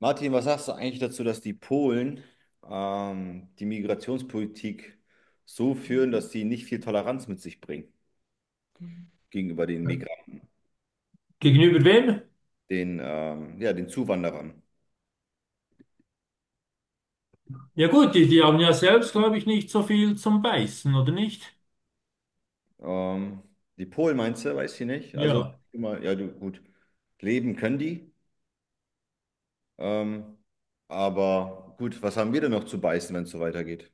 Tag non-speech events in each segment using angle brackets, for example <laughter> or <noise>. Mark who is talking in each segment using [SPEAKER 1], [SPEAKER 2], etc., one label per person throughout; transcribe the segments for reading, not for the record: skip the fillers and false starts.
[SPEAKER 1] Martin, was sagst du eigentlich dazu, dass die Polen die Migrationspolitik so führen, dass sie nicht viel Toleranz mit sich bringen gegenüber den Migranten,
[SPEAKER 2] Gegenüber wem?
[SPEAKER 1] den, ja, den Zuwanderern?
[SPEAKER 2] Ja gut, die haben ja selbst, glaube ich, nicht so viel zum Beißen, oder nicht?
[SPEAKER 1] Ähm, Die Polen meinst du, weiß ich nicht. Also,
[SPEAKER 2] Ja.
[SPEAKER 1] immer, ja, du, gut, leben können die, ähm, aber gut, was haben wir denn noch zu beißen, wenn es so weitergeht?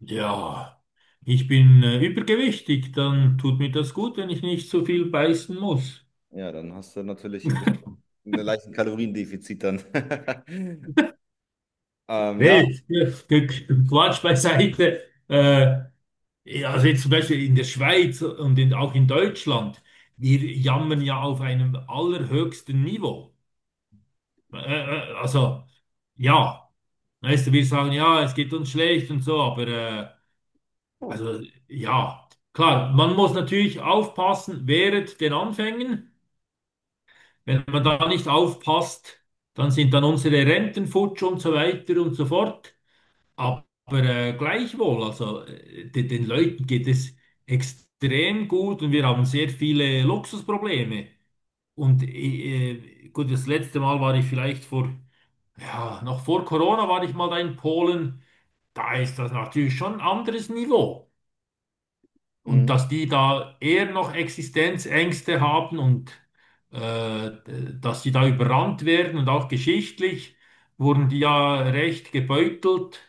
[SPEAKER 2] Ja. Ich bin übergewichtig, dann tut mir das gut, wenn ich nicht so viel beißen muss.
[SPEAKER 1] Ja, dann hast du natürlich ein bisschen einen leichten Kaloriendefizit dann. <laughs> Ja,
[SPEAKER 2] Nee, ja, Quatsch beiseite. Äh, ja, also jetzt zum Beispiel in der Schweiz und auch in Deutschland, wir jammern ja auf einem allerhöchsten Niveau. Also, ja, weißt du, wir sagen, ja, es geht uns schlecht und so, aber also ja, klar, man muss natürlich aufpassen während den Anfängen. Wenn man da nicht aufpasst, dann sind dann unsere Renten futsch und so weiter und so fort. Aber gleichwohl, also den Leuten geht es extrem gut und wir haben sehr viele Luxusprobleme. Und gut, das letzte Mal war ich vielleicht noch vor Corona war ich mal da in Polen. Da ist das natürlich schon ein anderes Niveau. Und
[SPEAKER 1] mh,
[SPEAKER 2] dass die da eher noch Existenzängste haben und äh, dass die da überrannt werden und auch geschichtlich wurden die ja recht gebeutelt,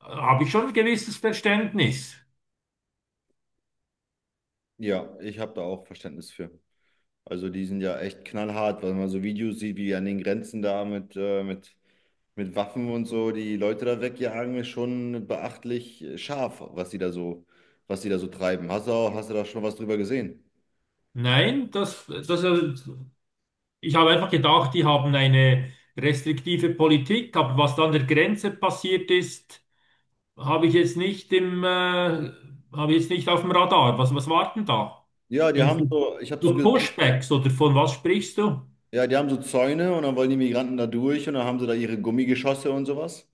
[SPEAKER 2] habe ich schon ein gewisses Verständnis.
[SPEAKER 1] ja, ich habe da auch Verständnis für. Also die sind ja echt knallhart, weil man so Videos sieht, wie die an den Grenzen da mit Waffen und so die Leute da wegjagen, ist schon beachtlich scharf, was die da so, was die da so treiben. Hast du, hast du da schon was drüber gesehen?
[SPEAKER 2] Nein, ich habe einfach gedacht, die haben eine restriktive Politik, aber was da an der Grenze passiert ist, habe ich jetzt nicht habe ich jetzt nicht auf dem Radar. Was, was war denn da?
[SPEAKER 1] Ja, die
[SPEAKER 2] Ging's
[SPEAKER 1] haben
[SPEAKER 2] um
[SPEAKER 1] so, ich habe so
[SPEAKER 2] so
[SPEAKER 1] gesehen,
[SPEAKER 2] Pushbacks oder von was sprichst du?
[SPEAKER 1] ja, die haben so Zäune und dann wollen die Migranten da durch und dann haben sie da ihre Gummigeschosse und sowas.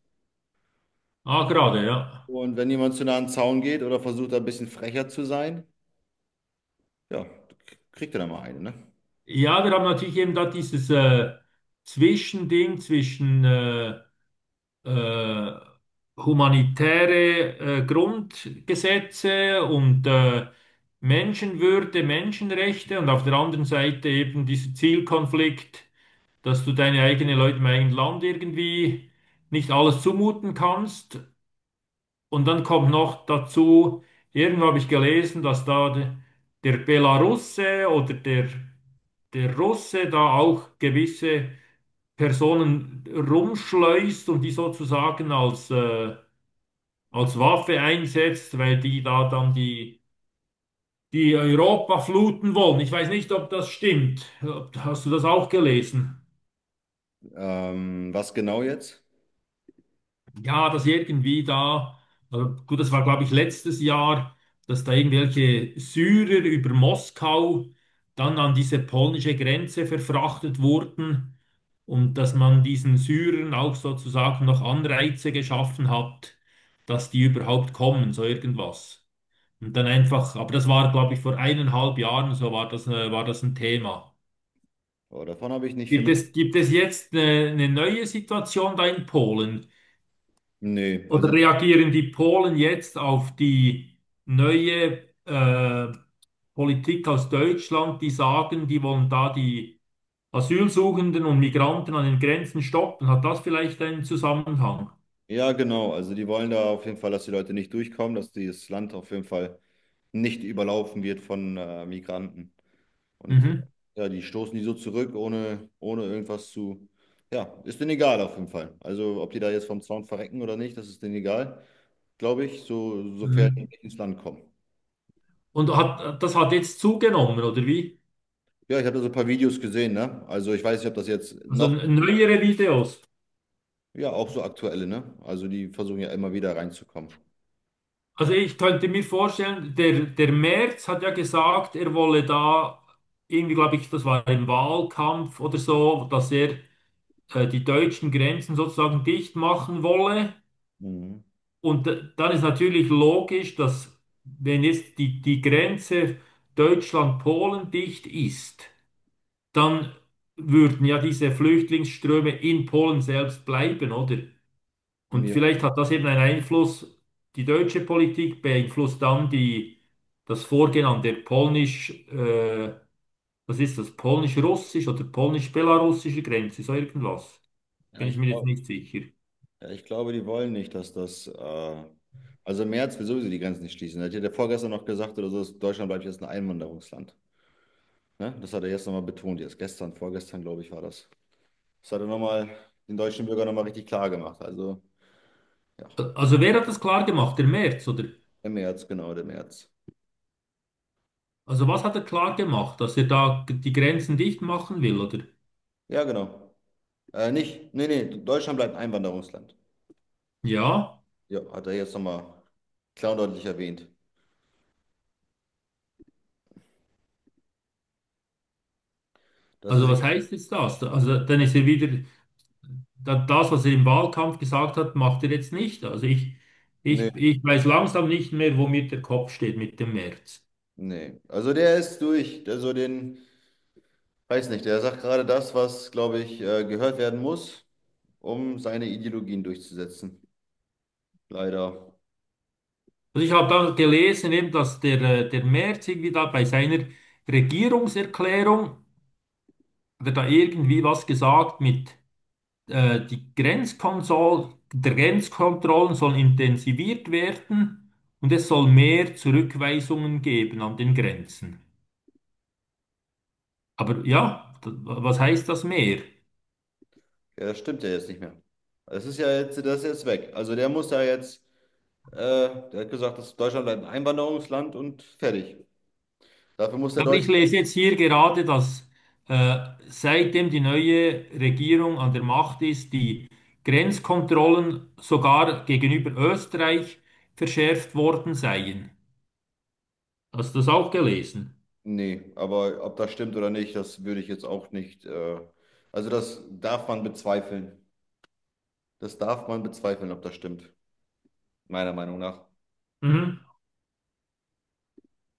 [SPEAKER 2] Ah, gerade, ja.
[SPEAKER 1] Und wenn jemand zu nah an den Zaun geht oder versucht, da ein bisschen frecher zu sein, ja, kriegt er da mal eine, ne?
[SPEAKER 2] Ja, wir haben natürlich eben da dieses Zwischending zwischen äh, humanitäre Grundgesetze und Menschenwürde, Menschenrechte und auf der anderen Seite eben dieser Zielkonflikt, dass du deine eigenen Leute im eigenen Land irgendwie nicht alles zumuten kannst. Und dann kommt noch dazu, irgendwo habe ich gelesen, dass da der Belarusse oder der Russe da auch gewisse Personen rumschleust und die sozusagen als als Waffe einsetzt, weil die da dann die Europa fluten wollen. Ich weiß nicht, ob das stimmt. Hast du das auch gelesen?
[SPEAKER 1] Was genau jetzt?
[SPEAKER 2] Ja, dass irgendwie da, also gut, das war glaube ich letztes Jahr, dass da irgendwelche Syrer über Moskau dann an diese polnische Grenze verfrachtet wurden und dass man diesen Syrern auch sozusagen noch Anreize geschaffen hat, dass die überhaupt kommen, so irgendwas. Und dann einfach, aber das war glaube ich vor eineinhalb Jahren, so war das, war das ein Thema.
[SPEAKER 1] Oh, davon habe ich nicht
[SPEAKER 2] Gibt
[SPEAKER 1] viel.
[SPEAKER 2] es, gibt es jetzt eine neue Situation da in Polen?
[SPEAKER 1] Nee, also
[SPEAKER 2] Oder reagieren die Polen jetzt auf die neue Politik aus Deutschland, die sagen, die wollen da die Asylsuchenden und Migranten an den Grenzen stoppen? Hat das vielleicht einen Zusammenhang?
[SPEAKER 1] ja, genau. Also die wollen da auf jeden Fall, dass die Leute nicht durchkommen, dass dieses Land auf jeden Fall nicht überlaufen wird von Migranten. Und
[SPEAKER 2] Mhm.
[SPEAKER 1] ja, die stoßen die so zurück, ohne, ohne irgendwas zu. Ja, ist denen egal auf jeden Fall. Also ob die da jetzt vom Zaun verrecken oder nicht, das ist denen egal, glaube ich, so, sofern die
[SPEAKER 2] Mhm.
[SPEAKER 1] nicht ins Land kommen.
[SPEAKER 2] Und hat, das hat jetzt zugenommen, oder wie?
[SPEAKER 1] Ja, ich habe da so ein paar Videos gesehen, ne? Also ich weiß nicht, ob das jetzt
[SPEAKER 2] Also
[SPEAKER 1] noch,
[SPEAKER 2] neuere Videos.
[SPEAKER 1] ja, auch so aktuelle, ne? Also die versuchen ja immer wieder reinzukommen.
[SPEAKER 2] Also ich könnte mir vorstellen, der Merz hat ja gesagt, er wolle da irgendwie, glaube ich, das war im Wahlkampf oder so, dass er die deutschen Grenzen sozusagen dicht machen wolle.
[SPEAKER 1] Mhm.
[SPEAKER 2] Und dann ist natürlich logisch, dass wenn jetzt die Grenze Deutschland-Polen dicht ist, dann würden ja diese Flüchtlingsströme in Polen selbst bleiben, oder? Und
[SPEAKER 1] Ja,
[SPEAKER 2] vielleicht hat das eben einen Einfluss, die deutsche Politik beeinflusst dann das Vorgehen an der was ist das, polnisch-russisch oder polnisch-belarussische Grenze, so irgendwas.
[SPEAKER 1] ja,
[SPEAKER 2] Bin ich
[SPEAKER 1] ich
[SPEAKER 2] mir jetzt
[SPEAKER 1] glaube.
[SPEAKER 2] nicht sicher.
[SPEAKER 1] Ja, ich glaube, die wollen nicht, dass das. Also im März will sowieso die Grenzen nicht schließen. Da hat ja der vorgestern noch gesagt oder so, dass Deutschland bleibt jetzt ein Einwanderungsland. Ne? Das hat er jetzt nochmal betont. Jetzt gestern, vorgestern, glaube ich, war das. Das hat er nochmal den deutschen Bürgern nochmal richtig klar gemacht. Also, ja,
[SPEAKER 2] Also wer hat das klar gemacht? Der Merz, oder?
[SPEAKER 1] im März, genau, der März.
[SPEAKER 2] Also was hat er klar gemacht, dass er da die Grenzen dicht machen will, oder?
[SPEAKER 1] Ja, genau. Nicht, nee, nee, Deutschland bleibt ein Einwanderungsland.
[SPEAKER 2] Ja,
[SPEAKER 1] Ja, hat er jetzt nochmal klar und deutlich erwähnt. Das
[SPEAKER 2] also
[SPEAKER 1] ist.
[SPEAKER 2] was heißt jetzt das? Also dann ist er wieder, das, was er im Wahlkampf gesagt hat, macht er jetzt nicht. Also ich, ich,
[SPEAKER 1] Nee,
[SPEAKER 2] ich weiß langsam nicht mehr, wo mir der Kopf steht mit dem Merz.
[SPEAKER 1] nee. Also der ist durch. Der so den. Weiß nicht, er sagt gerade das, was, glaube ich, gehört werden muss, um seine Ideologien durchzusetzen. Leider.
[SPEAKER 2] Also ich habe da gelesen, eben, dass der Merz irgendwie da bei seiner Regierungserklärung, hat er da irgendwie was gesagt mit die Grenzkonsol der Grenzkontrollen sollen intensiviert werden und es soll mehr Zurückweisungen geben an den Grenzen. Aber ja, was heißt das mehr? Ja,
[SPEAKER 1] Ja, das stimmt ja jetzt nicht mehr. Das ist ja jetzt, das ist jetzt weg. Also der muss da jetzt, äh, der hat gesagt, dass Deutschland bleibt ein Einwanderungsland und fertig. Dafür muss der
[SPEAKER 2] aber
[SPEAKER 1] Deutsche.
[SPEAKER 2] ich lese jetzt hier gerade, dass äh, seitdem die neue Regierung an der Macht ist, die Grenzkontrollen sogar gegenüber Österreich verschärft worden seien. Hast du das auch gelesen?
[SPEAKER 1] Nee, aber ob das stimmt oder nicht, das würde ich jetzt auch nicht. Also das darf man bezweifeln. Das darf man bezweifeln, ob das stimmt, meiner Meinung nach.
[SPEAKER 2] Mhm.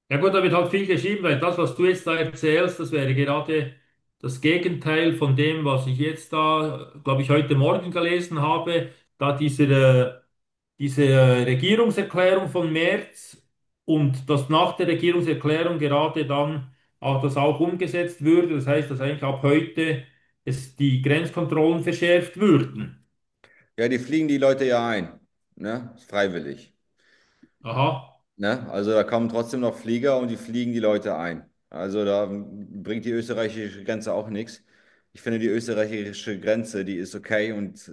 [SPEAKER 2] Ja gut, da wird halt viel geschrieben, weil das, was du jetzt da erzählst, das wäre gerade das Gegenteil von dem, was ich jetzt da, glaube ich, heute Morgen gelesen habe, da diese Regierungserklärung von März und dass nach der Regierungserklärung gerade dann auch das auch umgesetzt würde. Das heißt, dass eigentlich ab heute es die Grenzkontrollen verschärft würden.
[SPEAKER 1] Ja, die fliegen die Leute ja ein, ne? Freiwillig.
[SPEAKER 2] Aha.
[SPEAKER 1] Ne? Also da kommen trotzdem noch Flieger und die fliegen die Leute ein. Also da bringt die österreichische Grenze auch nichts. Ich finde, die österreichische Grenze, die ist okay und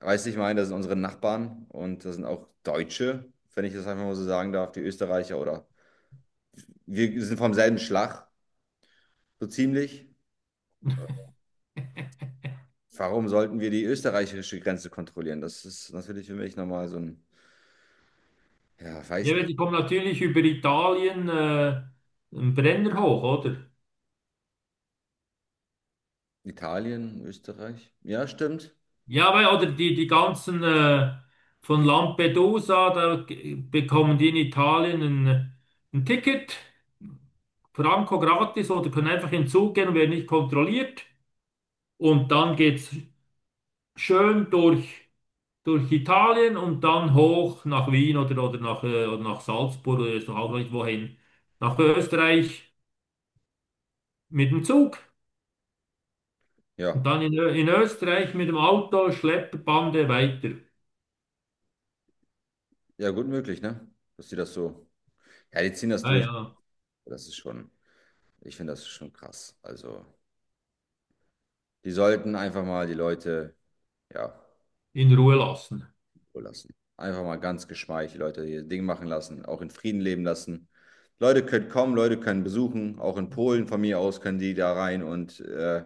[SPEAKER 1] weiß ich meine, das sind unsere Nachbarn und das sind auch Deutsche, wenn ich das einfach mal so sagen darf, die Österreicher oder wir sind vom selben Schlag, so ziemlich. Warum sollten wir die österreichische Grenze kontrollieren? Das ist natürlich für mich nochmal so ein, ja, weiß
[SPEAKER 2] Ja,
[SPEAKER 1] nicht.
[SPEAKER 2] die kommen natürlich über Italien, einen Brenner hoch, oder?
[SPEAKER 1] Italien, Österreich? Ja, stimmt.
[SPEAKER 2] Ja, weil, oder die ganzen von Lampedusa, da bekommen die in Italien ein Ticket, Franco gratis, oder können einfach in den Zug gehen und werden nicht kontrolliert. Und dann geht's schön durch Italien und dann hoch nach Wien oder nach, oder nach Salzburg oder ist auch nicht wohin. Nach Österreich mit dem Zug
[SPEAKER 1] Ja,
[SPEAKER 2] und dann Ö- in Österreich mit dem Auto, Schlepperbande weiter.
[SPEAKER 1] ja, gut möglich, ne? Dass sie das so. Ja, die ziehen das durch.
[SPEAKER 2] Naja,
[SPEAKER 1] Das ist schon, ich finde das ist schon krass. Also, die sollten einfach mal die Leute, ja,
[SPEAKER 2] in Ruhe lassen.
[SPEAKER 1] Ruhe lassen. Einfach mal ganz geschmeidig die Leute ihr Ding machen lassen, auch in Frieden leben lassen. Leute können kommen, Leute können besuchen. Auch in Polen von mir aus können die da rein und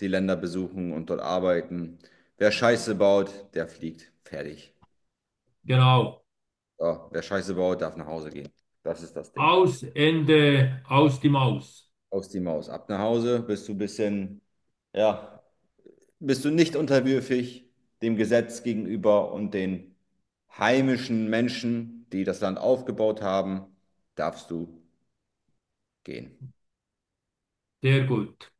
[SPEAKER 1] die Länder besuchen und dort arbeiten. Wer Scheiße baut, der fliegt. Fertig.
[SPEAKER 2] Genau.
[SPEAKER 1] So, wer Scheiße baut, darf nach Hause gehen. Das ist das Ding.
[SPEAKER 2] Aus, Ende, aus die Maus.
[SPEAKER 1] Aus die Maus. Ab nach Hause, bist du ein bisschen. Ja, bist du nicht unterwürfig dem Gesetz gegenüber und den heimischen Menschen, die das Land aufgebaut haben, darfst du gehen.
[SPEAKER 2] Sehr gut.